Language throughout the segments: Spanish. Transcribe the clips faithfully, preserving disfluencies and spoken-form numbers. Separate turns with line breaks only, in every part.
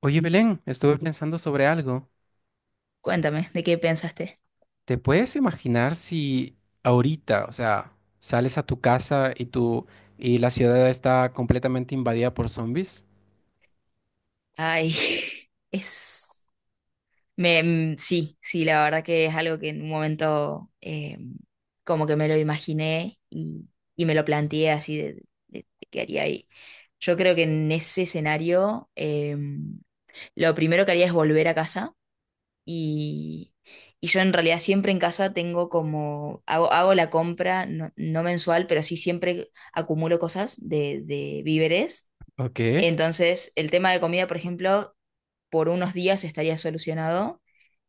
Oye, Belén, estuve pensando sobre algo.
Cuéntame, ¿de qué pensaste?
¿Te puedes imaginar si ahorita, o sea, sales a tu casa y tu y la ciudad está completamente invadida por zombies?
Ay, es... Me, mm, sí, sí, la verdad que es algo que en un momento eh, como que me lo imaginé y, y me lo planteé así de, de- de qué haría ahí. Yo creo que en ese escenario eh, lo primero que haría es volver a casa y, y yo en realidad siempre en casa tengo como, hago, hago la compra, no, no mensual, pero sí siempre acumulo cosas de, de víveres.
Ok.
Entonces, el tema de comida, por ejemplo, por unos días estaría solucionado,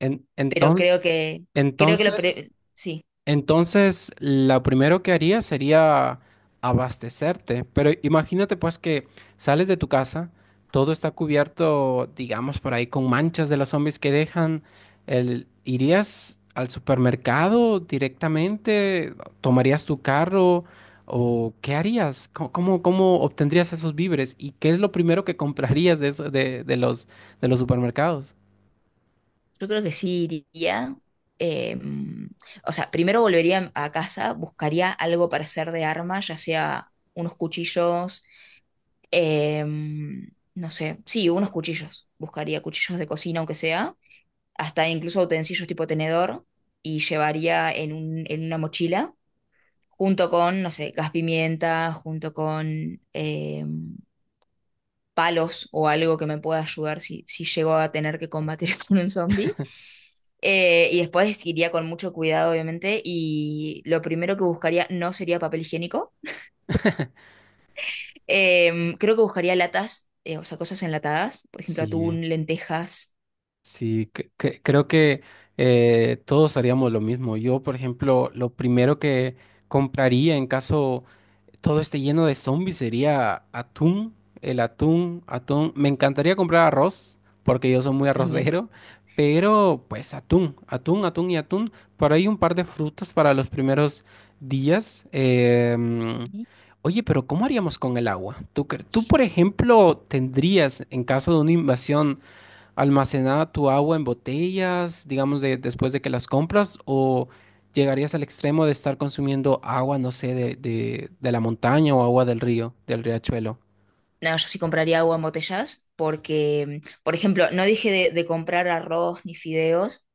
En-
pero
entonces,
creo que, creo que lo,
entonces,
pre- sí,
Entonces, lo primero que haría sería abastecerte, pero imagínate pues que sales de tu casa, todo está cubierto, digamos, por ahí con manchas de las zombies que dejan. El, ¿irías al supermercado directamente? ¿Tomarías tu carro? ¿O qué harías? ¿Cómo, cómo, cómo obtendrías esos víveres? ¿Y qué es lo primero que comprarías de, eso- de, de los, de los supermercados?
yo creo que sí iría. eh, o sea, primero volvería a casa, buscaría algo para hacer de arma, ya sea unos cuchillos, eh, no sé, sí, unos cuchillos. Buscaría cuchillos de cocina, aunque sea, hasta incluso utensilios tipo tenedor, y llevaría en un- en una mochila junto con, no sé, gas pimienta, junto con eh, palos o algo que me pueda ayudar si, si llego a tener que combatir con un zombie. Eh, y después iría con mucho cuidado, obviamente, y lo primero que buscaría no sería papel higiénico. Eh, creo que buscaría latas, eh, o sea, cosas enlatadas, por ejemplo,
Sí,
atún, lentejas
sí, cre- cre- creo que eh, todos haríamos lo mismo. Yo, por ejemplo, lo primero que compraría en caso todo esté lleno de zombies sería atún, el atún, atún. Me encantaría comprar arroz, porque yo soy muy
también.
arrocero, pero pues atún, atún, atún y atún. Por ahí un par de frutas para los primeros días. Em,
Ujú.
Oye, pero ¿cómo haríamos con el agua? ¿Tú, cre- tú, por ejemplo, tendrías en caso de una invasión almacenada tu agua en botellas, digamos, de, después de que las compras, o llegarías al extremo de estar consumiendo agua, no sé, de, de, de la montaña o agua del río, del riachuelo?
No, yo sí compraría agua en botellas porque, por ejemplo, no dije de, de comprar arroz ni fideos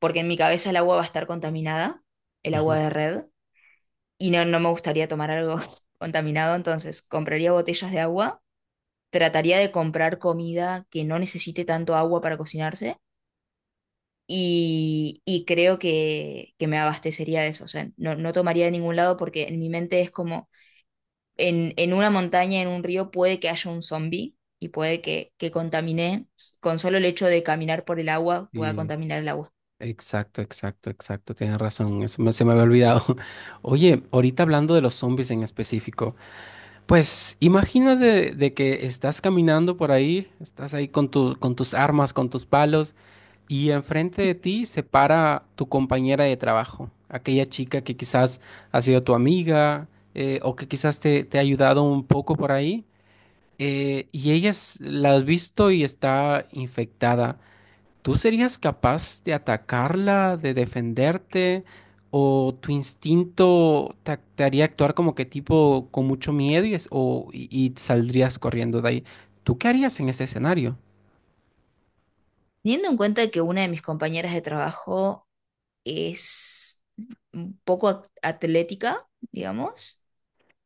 porque en mi cabeza el agua va a estar contaminada, el agua
Ujú.
de red, y no, no me gustaría tomar algo contaminado, entonces compraría botellas de agua, trataría de comprar comida que no necesite tanto agua para cocinarse. Y, y creo que, que me abastecería de eso. O sea, no, no tomaría de ningún lado porque en mi mente es como, en, en una montaña, en un río, puede que haya un zombie y puede que, que contamine, con solo el hecho de caminar por el agua, pueda
Sí,
contaminar el agua.
exacto, exacto, exacto, tienes razón, eso me- se me había olvidado. Oye, ahorita hablando de los zombies en específico, pues imagínate de que estás caminando por ahí, estás ahí con tu- con tus armas, con tus palos. Y enfrente de ti se para tu compañera de trabajo, aquella chica que quizás ha sido tu amiga, eh, o que quizás te, te ha ayudado un poco por ahí. Eh, y ella es- la has visto y está infectada. ¿Tú serías capaz de atacarla, de defenderte? ¿O tu instinto te, ac- te haría actuar como que tipo con mucho miedo y, es- o, y y saldrías corriendo de ahí? ¿Tú qué harías en ese escenario?
Teniendo en cuenta que una de mis compañeras de trabajo es un poco at- atlética, digamos,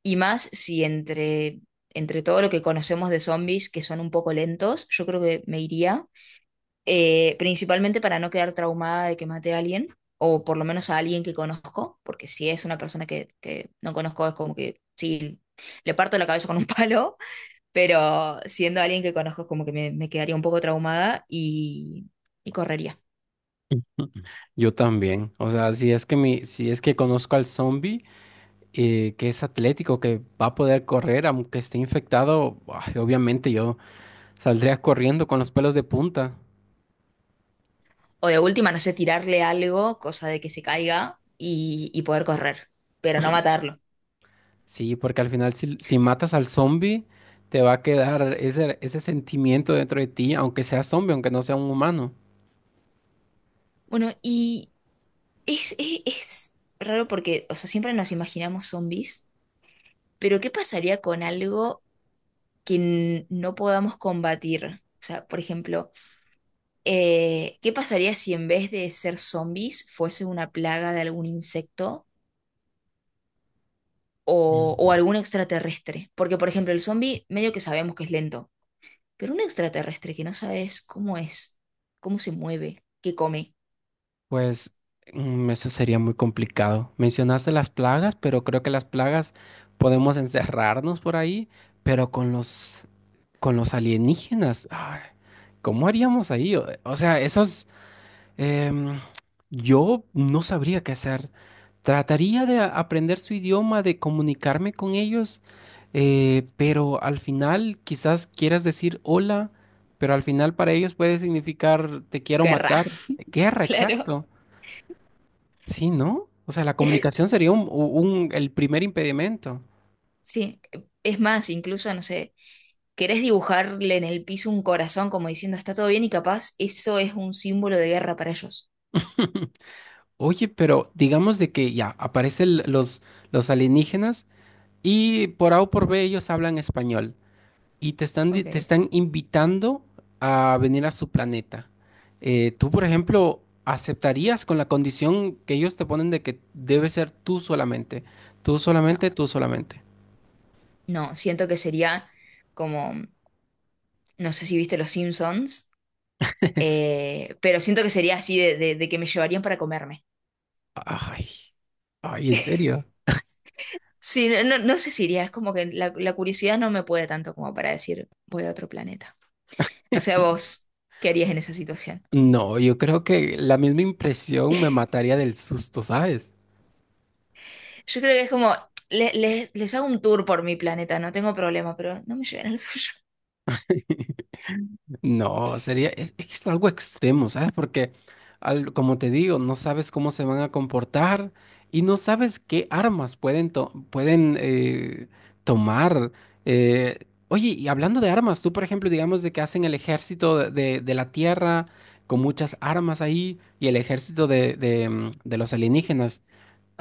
y más si entre, entre todo lo que conocemos de zombies, que son un poco lentos, yo creo que me iría, eh, principalmente para no quedar traumada de que mate a alguien, o por lo menos a alguien que conozco, porque si es una persona que, que no conozco es como que sí, le parto la cabeza con un palo, pero siendo alguien que conozco es como que me, me quedaría un poco traumada y, y correría.
Yo también. O sea, si es que mi, si es que conozco al zombie, eh, que es atlético, que va a poder correr aunque esté infectado, ay, obviamente yo saldría corriendo con los pelos de punta.
O de última, no sé, tirarle algo, cosa de que se caiga y, y poder correr, pero no matarlo.
Sí, porque al final si, si matas al zombie, te va a quedar ese, ese sentimiento dentro de ti, aunque sea zombie, aunque no sea un humano.
Bueno, y es, es, es raro porque, o sea, siempre nos imaginamos zombies, pero ¿qué pasaría con algo que n- no podamos combatir? O sea, por ejemplo, eh, ¿qué pasaría si en vez de ser zombies fuese una plaga de algún insecto o, o
Mm.
algún extraterrestre? Porque, por ejemplo, el zombie medio que sabemos que es lento. Pero un extraterrestre que no sabes cómo es, cómo se mueve, qué come,
Pues mm, eso sería muy complicado. Mencionaste las plagas, pero creo que las plagas podemos encerrarnos por ahí, pero con los con los alienígenas, ay, ¿cómo haríamos ahí? O, o sea, esos... em, yo no sabría qué hacer. Trataría de a- aprender su idioma, de comunicarme con ellos. Eh, pero al final quizás quieras decir hola, pero al final para ellos puede significar te quiero
qué erra.
matar. Guerra,
Claro.
exacto. Sí, ¿no? O sea, la comunicación sería un, un- el primer impedimento.
Sí, es más, incluso, no sé, querés dibujarle en el piso un corazón como diciendo está todo bien y capaz eso es un símbolo de guerra para ellos.
Oye, pero digamos de que ya aparecen los, los alienígenas. Y por A o por B ellos hablan español y te están, di- te
Ok,
están invitando a venir a su planeta. Eh, tú, por ejemplo, aceptarías con la condición que ellos te ponen de que debe ser tú solamente. Tú
no,
solamente, tú solamente.
no, siento que sería como, no sé si viste Los Simpsons, eh, pero siento que sería así de, de- de que me llevarían para comerme.
Ay, ay, ¿en serio?
Sí, no, no, no sé si iría, es como que la, la curiosidad no me puede tanto como para decir voy a otro planeta. No sé a vos qué harías en esa situación.
No, yo creo que la misma impresión me mataría del susto, ¿sabes?
Yo creo que es como, le- le- les hago un tour por mi planeta, no tengo problema, pero no me lleven al suyo.
No, sería es, es algo extremo, ¿sabes? Porque, al- como te digo, no sabes cómo se van a comportar y no sabes qué armas pueden, to- pueden, eh, tomar. Eh, oye, y hablando de armas, tú, por ejemplo, digamos de que hacen el ejército de, de- de la Tierra con muchas
Sí,
armas ahí y el ejército de, de, mm, de los alienígenas,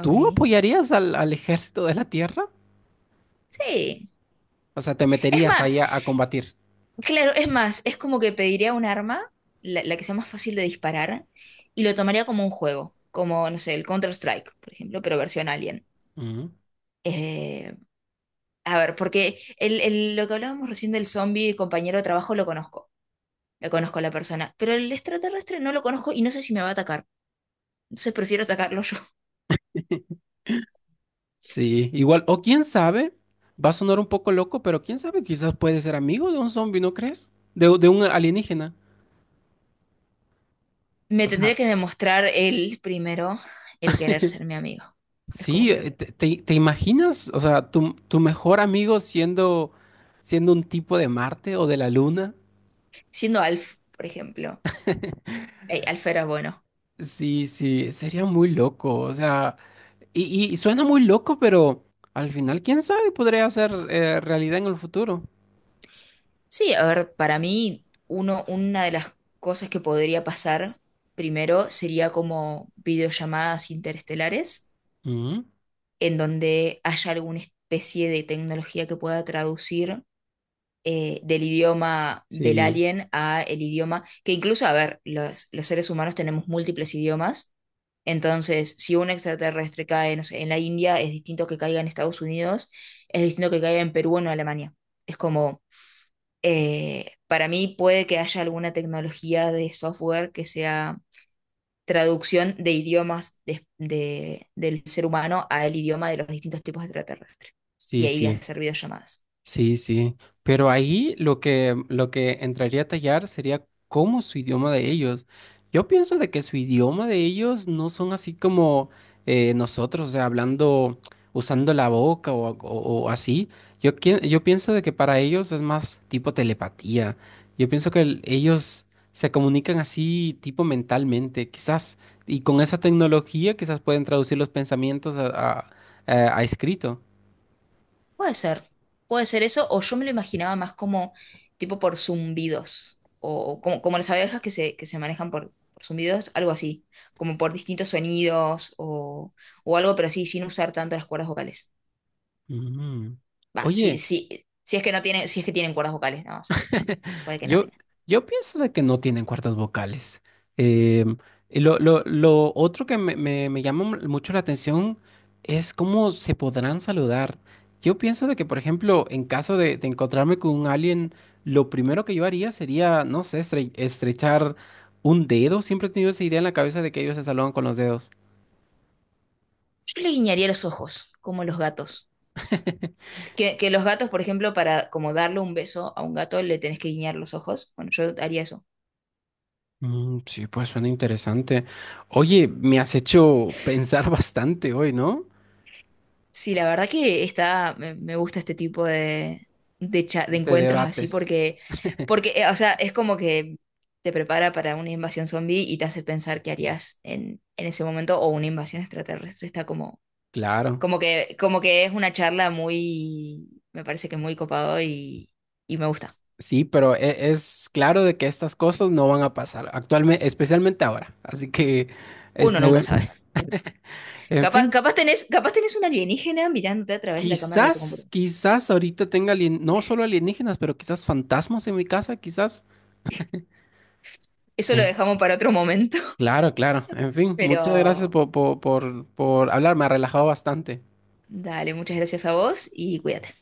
¿tú apoyarías al, al ejército de la Tierra?
Sí.
O sea, ¿te
Es
meterías
más,
ahí a, a combatir?
claro, es más, es como que pediría un arma, la, la que sea más fácil de disparar, y lo tomaría como un juego, como, no sé, el Counter-Strike, por ejemplo, pero versión Alien.
Ujú.
Eh, a ver, porque el, el- lo que hablábamos recién del zombie compañero de trabajo lo conozco, lo conozco a la persona, pero el extraterrestre no lo conozco y no sé si me va a atacar, entonces prefiero atacarlo yo.
Sí, igual, o quién sabe, va a sonar un poco loco, pero quién sabe, quizás puede ser amigo de un zombie, ¿no crees? De, de un alienígena.
Me
O sea,
tendría que demostrar él primero el querer ser mi amigo. Es como
sí,
que,
eh, te, te- te imaginas? O sea, tu, tu mejor amigo siendo, siendo un tipo de Marte o de la Luna.
siendo Alf, por ejemplo, hey, Alf era bueno.
Sí, sí, sería muy loco. O sea, y, y- y suena muy loco, pero al final, quién sabe, podría ser eh, realidad en el futuro.
Sí, a ver, para mí, uno, una de las cosas que podría pasar primero sería como videollamadas interestelares,
Ujú.
en donde haya alguna especie de tecnología que pueda traducir eh, del idioma del
Sí,
alien a el idioma, que incluso, a ver, los, los seres humanos tenemos múltiples idiomas, entonces si un extraterrestre cae, no sé, en la India, es distinto que caiga en Estados Unidos, es distinto que caiga en Perú o en Alemania. Es como, eh, para mí puede que haya alguna tecnología de software que sea traducción de idiomas de- de- del ser humano al idioma de los distintos tipos de extraterrestres. Y
sí,
ahí voy a
sí.
hacer videollamadas.
Sí, sí, pero ahí lo que, lo que entraría a tallar sería cómo su idioma de ellos. Yo pienso de que su idioma de ellos no son así como eh, nosotros, o sea, hablando, usando la boca o, o- o así. Yo, qui- yo pienso de que para ellos es más tipo telepatía. Yo pienso que el- ellos se comunican así tipo mentalmente, quizás, y con esa tecnología quizás pueden traducir los pensamientos a, a- a- a escrito.
Puede ser, puede ser eso, o yo me lo imaginaba más como tipo por zumbidos, o como, como las abejas que se, que se manejan por, por zumbidos, algo así, como por distintos sonidos o, o algo, pero sí, sin usar tanto las cuerdas vocales.
Mm.
Va, sí,
Oye,
sí, si es que no tienen, si es que tienen cuerdas vocales, no, o sea, puede que no
Yo,
tengan.
yo pienso de que no tienen cuerdas vocales. Em, y lo, lo- lo otro que me, me- me llama mu- mucho la atención es cómo se podrán saludar. Yo pienso de que, por ejemplo, en caso de, de encontrarme con un alien, lo primero que yo haría sería, no sé, estre- estrechar un dedo. Siempre he tenido esa idea en la cabeza de que ellos se saludan con los dedos.
Yo le guiñaría los ojos, como los gatos. Que, que los gatos, por ejemplo, para como darle un beso a un gato, le tenés que guiñar los ojos. Bueno, yo haría eso.
Mm, sí, pues suena interesante. Oye, me has hecho pensar bastante hoy, ¿no?
Sí, la verdad que está, me, me gusta este tipo de, de, cha- de
De
encuentros así
debates.
porque, porque, eh, o sea, es como que te prepara para una invasión zombie y te hace pensar qué harías en, en ese momento o una invasión extraterrestre. Está como,
Claro.
como que, como que es una charla muy, me parece que muy copado y, y me gusta.
Sí, pero e- es claro de que estas cosas no van a pasar actualmente, especialmente ahora. Así que, es
Uno nunca
de-
sabe.
en
Capaz,
fin,
capaz tenés, capaz tenés un alienígena mirándote a través de la cámara de tu
quizás,
computadora.
quizás ahorita tenga alien- no solo alienígenas, pero quizás fantasmas en mi casa, quizás.
Eso lo
Eh,
dejamos para otro momento,
claro, claro. En fin, muchas gracias
pero
por, por, por, por hablar. Me ha relajado bastante.
dale, muchas gracias a vos y cuídate.